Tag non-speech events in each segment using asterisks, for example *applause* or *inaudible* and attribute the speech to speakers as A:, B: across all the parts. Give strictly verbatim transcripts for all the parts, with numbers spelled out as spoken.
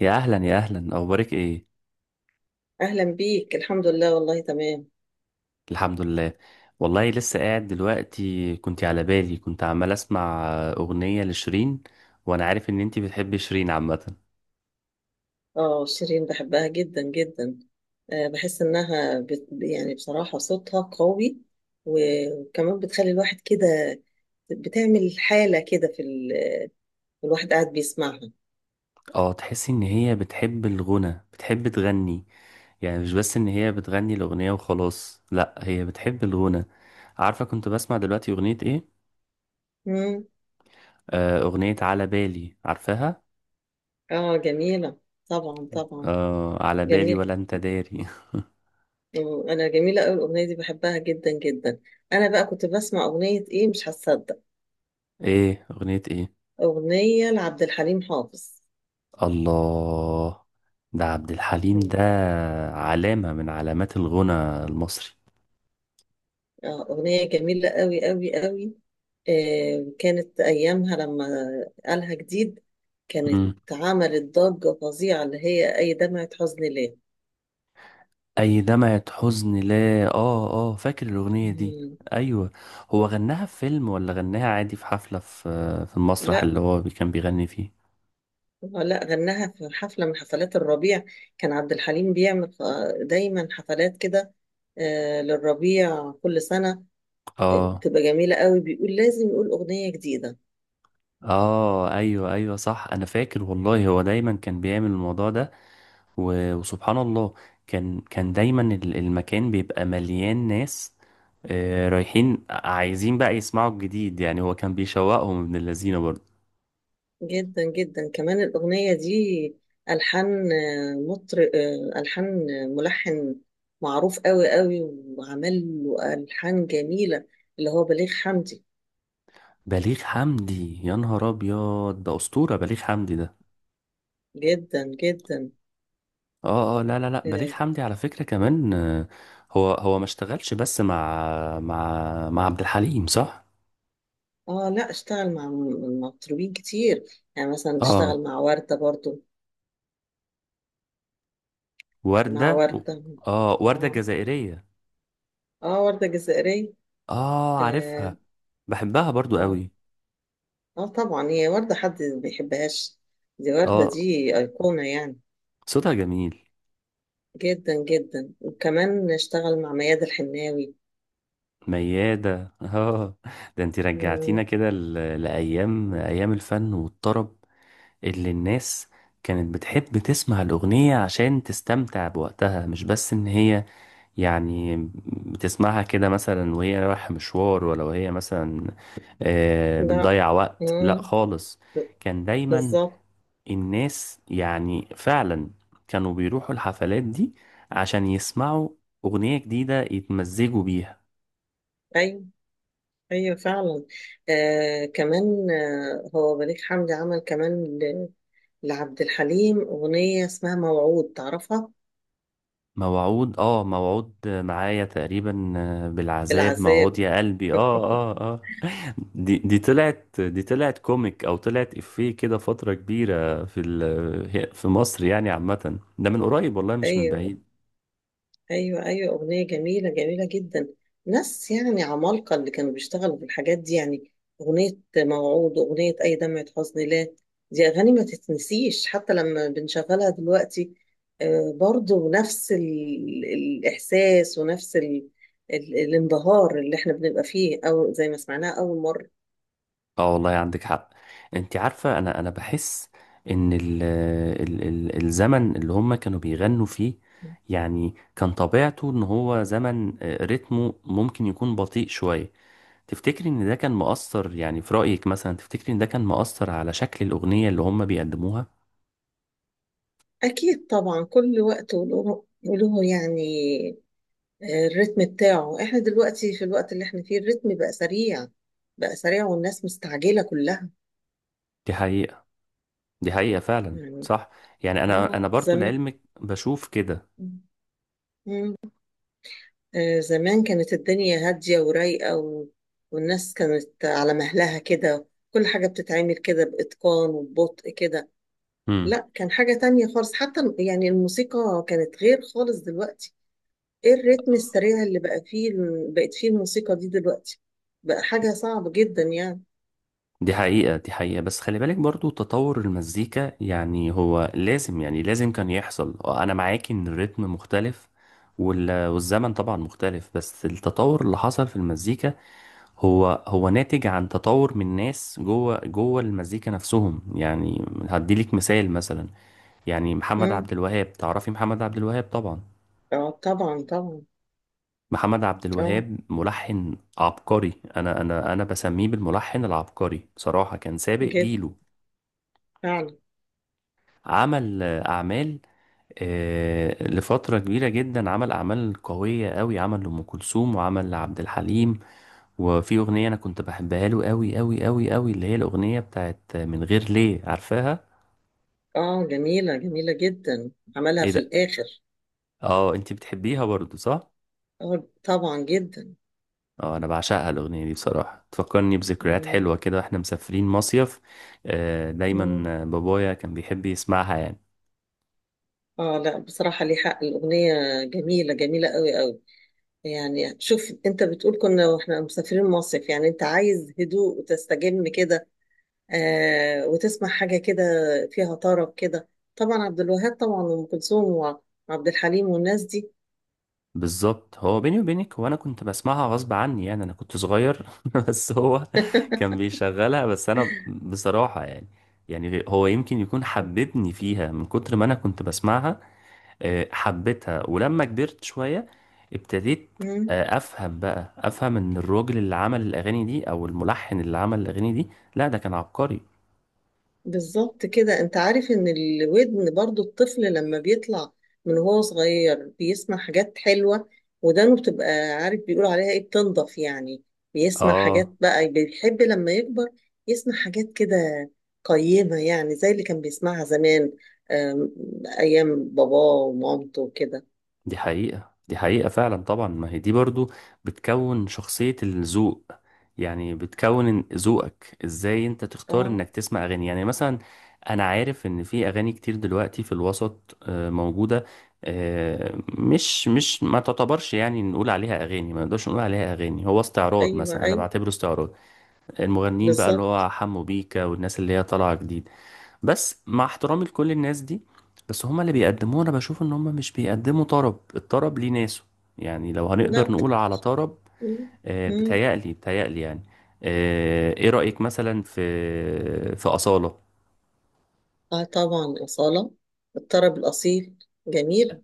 A: يا اهلا يا اهلا، اخبارك ايه؟
B: أهلا بيك. الحمد لله والله تمام.
A: الحمد لله. والله لسه قاعد دلوقتي، كنت على بالي، كنت عمال اسمع اغنية لشيرين، وانا عارف ان انتي بتحبي شيرين عامة.
B: اه شيرين بحبها جدا جدا. آه، بحس إنها بت... يعني بصراحة صوتها قوي. و- وكمان بتخلي الواحد كده. بتعمل حالة كده في ال... الواحد قاعد بيسمعها.
A: اه، تحسي ان هي بتحب الغنى، بتحب تغني؟ يعني مش بس ان هي بتغني الاغنية وخلاص، لا، هي بتحب الغنى. عارفة كنت بسمع دلوقتي اغنية ايه؟
B: مم.
A: آه، اغنية على بالي، عارفاها؟
B: اه جميلة. طبعا طبعا.
A: آه، على بالي
B: جميل.
A: ولا انت داري.
B: مم، أنا جميلة أوي الأغنية دي بحبها جدا جدا. أنا بقى كنت بسمع أغنية إيه مش هتصدق.
A: *laughs* ايه؟ اغنية ايه؟
B: أغنية لعبد الحليم حافظ.
A: الله، ده عبد الحليم
B: مم.
A: ده، علامة من علامات الغنى المصري.
B: اه أغنية جميلة أوي أوي أوي. آه، كانت أيامها لما قالها جديد، كانت
A: مم.
B: عملت ضجة فظيعة اللي هي أي دمعة حزن ليه.
A: أي دمعة حزن لا، آه آه، فاكر الأغنية دي.
B: مم.
A: أيوة. هو غناها في فيلم ولا غناها عادي في حفلة، في في المسرح
B: لا،
A: اللي هو بي- كان بيغني فيه؟
B: لا غناها في حفلة من حفلات الربيع. كان عبد الحليم بيعمل آه، دايما حفلات كده، آه، للربيع كل سنة. آه،
A: آه
B: بتبقى جميلة قوي، بيقول لازم يقول أغنية جديدة.
A: آه، أيوة أيوة، صح، أنا فاكر والله، هو دايما كان بيعمل الموضوع ده. و- وسبحان الله، كان كان دايما ال- المكان بيبقى مليان ناس، آه، رايحين عايزين بقى يسمعوا الجديد. يعني هو كان بيشوقهم ابن اللذينه برضه.
B: جدا جدا كمان الأغنية دي، ألحان مطرب، ألحان ملحن معروف قوي قوي، وعمل له ألحان جميلة اللي هو بليغ حمدي.
A: بليغ حمدي، يا نهار ابيض، ده اسطوره بليغ حمدي ده.
B: جدا جدا.
A: اه اه، لا لا لا، بليغ
B: اه.
A: حمدي على فكره كمان، آه، هو هو ما اشتغلش بس مع مع مع عبد الحليم، صح؟
B: آه، لا اشتغل مع م- مطربين كتير. يعني مثلا
A: اه،
B: اشتغل مع وردة برضو. مع
A: ورده.
B: وردة.
A: اه، ورده
B: اه.
A: جزائريه.
B: اه وردة جزائرية.
A: اه، عارفها.
B: اه.
A: بحبها برضو
B: اه,
A: قوي.
B: آه طبعا هي وردة حد ما يحبهاش. دي وردة،
A: اه،
B: دي أيقونة يعني.
A: صوتها جميل.
B: جدا جدا، وكمان اشتغل مع مياد الحناوي.
A: ميادة. *laughs* اه، ده انت
B: مم.
A: رجعتينا كده ل- لأيام، أيام الفن والطرب، اللي الناس كانت بتحب تسمع الأغنية عشان تستمتع بوقتها، مش بس إن هي، يعني، بتسمعها كده مثلا وهي رايحة مشوار، ولا وهي مثلا آه،
B: لا.
A: بتضيع وقت، لا
B: مم.
A: خالص.
B: ب-
A: كان دايما
B: بالظبط.
A: الناس، يعني فعلا، كانوا بيروحوا الحفلات دي عشان يسمعوا أغنية جديدة يتمزجوا بيها.
B: ايوه ايوه فعلا. آه كمان آه هو بليغ حمدي عمل كمان ل- لعبد الحليم اغنيه اسمها موعود، تعرفها؟
A: موعود، اه، موعود معايا تقريبا، آه، بالعذاب
B: العذاب.
A: موعود يا قلبي. اه اه اه. دي دي طلعت دي طلعت كوميك او طلعت افيه كده فترة كبيرة في ال- في مصر يعني عامة، ده من قريب والله، مش من
B: ايوه.
A: بعيد.
B: ايوه ايوه اغنيه جميله جميله جدا. ناس يعني عمالقه اللي كانوا بيشتغلوا في الحاجات دي يعني. اغنيه موعود واغنيه اي دمعه حزن لا، دي اغاني ما تتنسيش حتى لما بنشغلها دلوقتي. آه، برضو نفس ال- الاحساس، ونفس ال- ال- الانبهار اللي احنا بنبقى فيه، او زي ما سمعناها اول مره.
A: اه، والله عندك حق. انت عارفة، انا انا بحس ان ال ال ال الزمن اللي هم كانوا بيغنوا فيه، يعني كان طبيعته ان هو زمن آه، رتمه ممكن يكون بطيء شوية. تفتكري ان ده كان مؤثر؟ يعني في رأيك، مثلا، تفتكري ان ده كان مؤثر على شكل الأغنية اللي هم بيقدموها؟
B: اكيد طبعا، كل وقت وله وله يعني. الريتم بتاعه، احنا دلوقتي في الوقت اللي احنا فيه الريتم بقى سريع. بقى سريع والناس مستعجلة كلها
A: دي حقيقة، دي حقيقة فعلا،
B: يعني.
A: صح. يعني انا
B: اه
A: انا برضو
B: زمان.
A: لعلمك بشوف كده.
B: مم. آه، زمان كانت الدنيا هادية ورايقة و... والناس كانت على مهلها كده. كل حاجة بتتعمل كده بإتقان وببطء كده.
A: امم.
B: لا كان حاجة تانية خالص، حتى يعني الموسيقى كانت غير خالص دلوقتي. ايه الريتم السريع اللي بقى فيه، بقت فيه الموسيقى دي دلوقتي، بقى حاجة صعبة جدا يعني.
A: دي حقيقة، دي حقيقة. بس خلي بالك برضو تطور المزيكا، يعني هو لازم، يعني لازم كان يحصل. آه، انا معاكي ان الريتم مختلف، وال- والزمن طبعا مختلف، بس التطور اللي حصل في المزيكا هو هو ناتج عن تطور من ناس جوه جوه المزيكا نفسهم. يعني هديلك مثال مثلا، يعني محمد
B: مم.
A: عبد الوهاب، تعرفي محمد عبد الوهاب طبعا.
B: اه طبعا طبعا.
A: محمد عبد
B: اه
A: الوهاب ملحن عبقري، انا انا انا بسميه بالملحن العبقري، بصراحة كان سابق
B: جد
A: جيله.
B: فعلا.
A: عمل آه، اعمال، آه، لفترة كبيرة جدا، عمل أعمال قوية قوي، عمل لأم كلثوم وعمل لعبد الحليم. وفي أغنية أنا كنت بحبها له قوي قوي قوي قوي، اللي هي الأغنية بتاعت من غير ليه، عارفاها؟
B: اه جميلة جميلة جدا، عملها
A: ايه
B: في
A: ده!
B: الآخر.
A: اه، انتي بتحبيها برضو، صح؟
B: اه طبعا جدا.
A: اه، انا بعشقها الاغنيه دي بصراحه، تفكرني بذكريات
B: مم.
A: حلوه كده، واحنا مسافرين مصيف. آه، دايما
B: مم.
A: آه، بابايا كان بيحب يسمعها يعني.
B: اه لا بصراحة ليه حق الأغنية، جميلة جميلة قوي قوي. يعني شوف انت بتقول كنا واحنا مسافرين مصيف، يعني انت عايز هدوء وتستجم كده، آه وتسمع حاجة كده فيها طرب كده. طبعا عبد الوهاب طبعا، وأم كلثوم وعبد الحليم والناس دي.
A: بالظبط. هو بيني وبينك، هو انا كنت بسمعها غصب عني، يعني انا كنت صغير، *laughs* بس هو كان بيشغلها. بس انا بصراحه يعني، يعني هو يمكن يكون حببني فيها من كتر ما انا كنت بسمعها، آه، حبيتها. ولما كبرت شوية ابتديت
B: مم.
A: آه، افهم بقى افهم ان الراجل اللي عمل الاغاني دي، او الملحن اللي عمل الاغاني دي، لا، ده كان عبقري.
B: بالظبط كده، انت عارف ان الودن برضو، الطفل لما بيطلع من وهو صغير بيسمع حاجات حلوة، ودانه بتبقى، عارف بيقولوا عليها ايه، بتنضف يعني. بيسمع حاجات
A: اه،
B: بقى بيحب لما يكبر يسمع حاجات كده قيمة، يعني زي اللي كان بيسمعها زمان، آم، ايام باباه ومامته وكده.
A: دي حقيقة، دي حقيقة فعلا. طبعا ما هي دي برضو بتكون شخصية الذوق، يعني بتكون إن- ذوقك ازاي، انت تختار
B: اه
A: انك تسمع اغاني يعني، مثلا انا عارف ان في اغاني كتير دلوقتي في الوسط آه، موجودة، آه، مش مش ما تعتبرش، يعني نقول عليها اغاني، ما نقدرش نقول عليها اغاني، هو استعراض.
B: ايوه
A: مثلا انا
B: ايوه
A: بعتبره استعراض المغنيين بقى، اللي
B: بالظبط.
A: هو حمو بيكا والناس اللي هي طالعة جديد. بس مع احترامي لكل الناس دي، بس هما اللي بيقدموه انا بشوف ان هما مش بيقدموا طرب، الطرب ليه ناسه، يعني لو هنقدر
B: لا.
A: نقول على طرب.
B: مم،
A: آه،
B: مم.
A: بتهيألي بتهيألي يعني. آه، ايه رأيك مثلا في في أصالة؟
B: اه طبعا أصالة، الطرب الأصيل. جميل.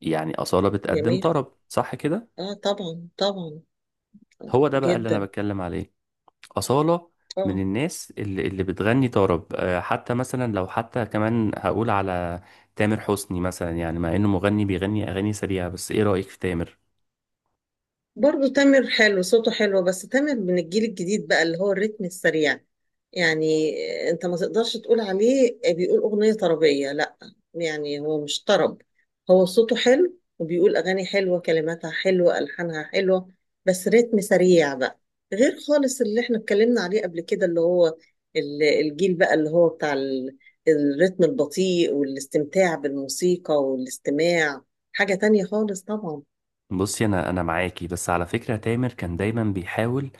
A: يعني أصالة بتقدم
B: جميل.
A: طرب، صح كده؟
B: اه طبعا طبعا.
A: هو ده بقى اللي انا
B: جدا.
A: بتكلم عليه. أصالة من
B: اه
A: الناس اللي اللي بتغني طرب. آه، حتى مثلا، لو حتى كمان هقول على تامر حسني مثلا، يعني مع انه مغني بيغني اغاني سريعة، بس ايه رأيك في تامر؟
B: برضو تامر حلو، صوته حلو، بس تامر من الجيل الجديد بقى اللي هو الريتم السريع يعني. انت ما تقدرش تقول عليه بيقول أغنية طربية، لا. يعني هو مش طرب. هو صوته حلو، وبيقول أغاني حلوة، كلماتها حلوة، ألحانها حلوة، بس ريتم سريع بقى، غير خالص اللي احنا اتكلمنا عليه قبل كده، اللي هو ال- الجيل بقى اللي هو بتاع ال- الريتم البطيء والاستمتاع بالموسيقى والاستماع. حاجة تانية خالص طبعا.
A: بصي، انا انا معاكي، بس على فكرة تامر كان دايما بيحاول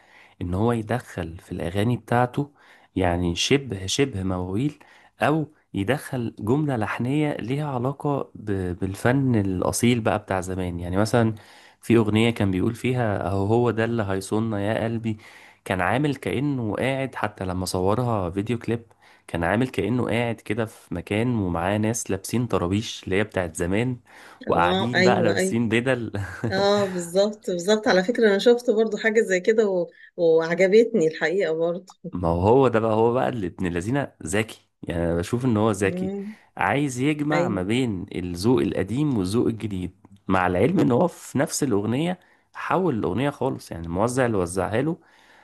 A: ان هو يدخل في الاغاني بتاعته، يعني شبه شبه مواويل، او يدخل جملة لحنية ليها علاقة ب- بالفن الاصيل بقى بتاع زمان. يعني مثلا في اغنية كان بيقول فيها، اهو هو ده اللي هيصوننا يا قلبي، كان عامل كأنه قاعد. حتى لما صورها فيديو كليب، كان عامل كأنه قاعد كده في مكان ومعاه ناس لابسين طرابيش اللي هي بتاعت زمان،
B: اه
A: وقاعدين بقى
B: ايوه ايوه.
A: لابسين بدل. *laughs*
B: اه بالظبط بالظبط، على فكرة انا شفت برضو حاجة زي كده و... وعجبتني الحقيقة برضو.
A: ما هو ده بقى، هو بقى اللي ابن الذين ذكي. يعني انا بشوف ان هو ذكي،
B: مم.
A: عايز يجمع ما
B: ايوه
A: بين الذوق القديم والذوق الجديد، مع العلم ان هو في نفس الاغنيه حول الاغنيه خالص، يعني الموزع اللي وزعها له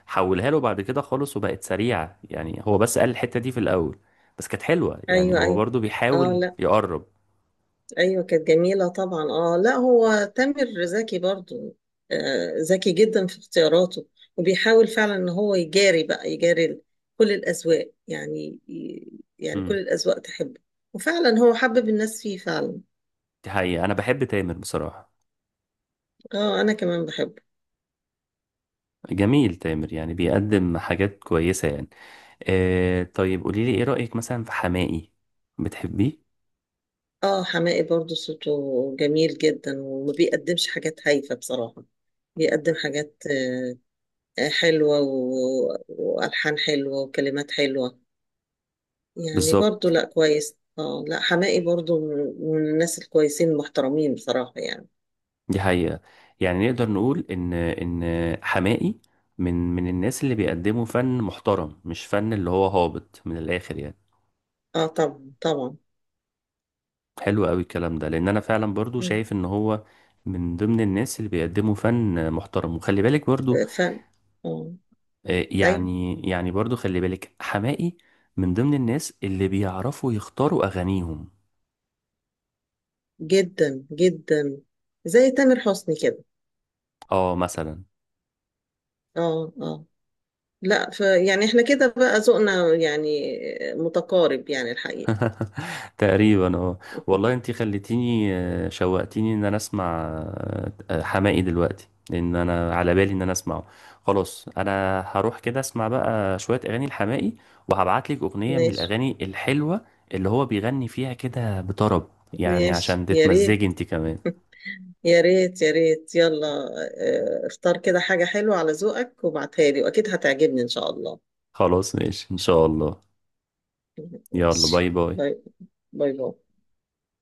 A: حولها له بعد كده خالص وبقت سريعه، يعني هو بس قال الحته دي في الاول، بس كانت حلوه. يعني
B: ايوه
A: هو
B: ايوه.
A: برضو
B: اه
A: بيحاول
B: لا
A: يقرب.
B: ايوه كانت جميلة طبعا. اه لا هو تامر ذكي برضو. آه ذكي جدا في اختياراته، وبيحاول فعلا ان هو يجاري بقى، يجاري ال- كل الاذواق يعني. يعني
A: امم.
B: كل الاذواق تحبه. وفعلا هو حبب الناس فيه فعلا.
A: دي حقيقه، انا بحب تامر بصراحه.
B: اه انا كمان بحبه.
A: جميل تامر، يعني بيقدم حاجات كويسة يعني. آه، طيب قولي لي، ايه رأيك مثلا في حماقي؟ بتحبيه؟
B: اه حماقي برضو صوته جميل جدا، وما بيقدمش حاجات هايفة بصراحة. بيقدم حاجات آه، آه، حلوة و- وألحان حلوة وكلمات حلوة. يعني برضو
A: بالظبط.
B: لا كويس. اه لا حماقي برضو من من الناس الكويسين المحترمين بصراحة يعني.
A: دي حقيقة. يعني نقدر نقول ان ان حماقي من من الناس اللي بيقدموا فن محترم، مش فن اللي هو هابط من الآخر يعني.
B: اه طبعا طبعا.
A: حلو قوي الكلام ده، لان انا فعلا برضو
B: مم.
A: شايف ان هو من ضمن الناس اللي بيقدموا فن محترم. وخلي بالك برضو
B: آه، فن. اه.
A: آه،
B: ايوه.
A: يعني يعني برضو خلي بالك، حماقي من ضمن الناس اللي بيعرفوا يختاروا اغانيهم.
B: جدا جدا. زي تامر حسني كده.
A: اه، مثلا.
B: اه اه. لا ف يعني احنا كده بقى ذوقنا يعني متقارب يعني الحقيقة.
A: *laughs* تقريبا، اه. والله
B: *laughs*
A: انتي خليتيني، آه، شوقتيني ان انا اسمع، آه، آه، حماقي دلوقتي، لان انا على بالي ان انا اسمعه. خلاص، انا هروح كده اسمع بقى شوية اغاني الحماقي، وهبعتلك اغنية من
B: ماشي.
A: الاغاني الحلوة اللي هو بيغني فيها كده بطرب، يعني
B: ماشي
A: عشان
B: يا
A: تتمزجي
B: ريت،
A: انتي كمان.
B: يا ريت يا ريت يلا. آه، اختار كده حاجة حلوة على ذوقك، وابعتها لي، وأكيد هتعجبني إن شاء الله.
A: خلاص ماشي، ان شاء الله. يلا،
B: ماشي.
A: باي باي.
B: باي. باي باي.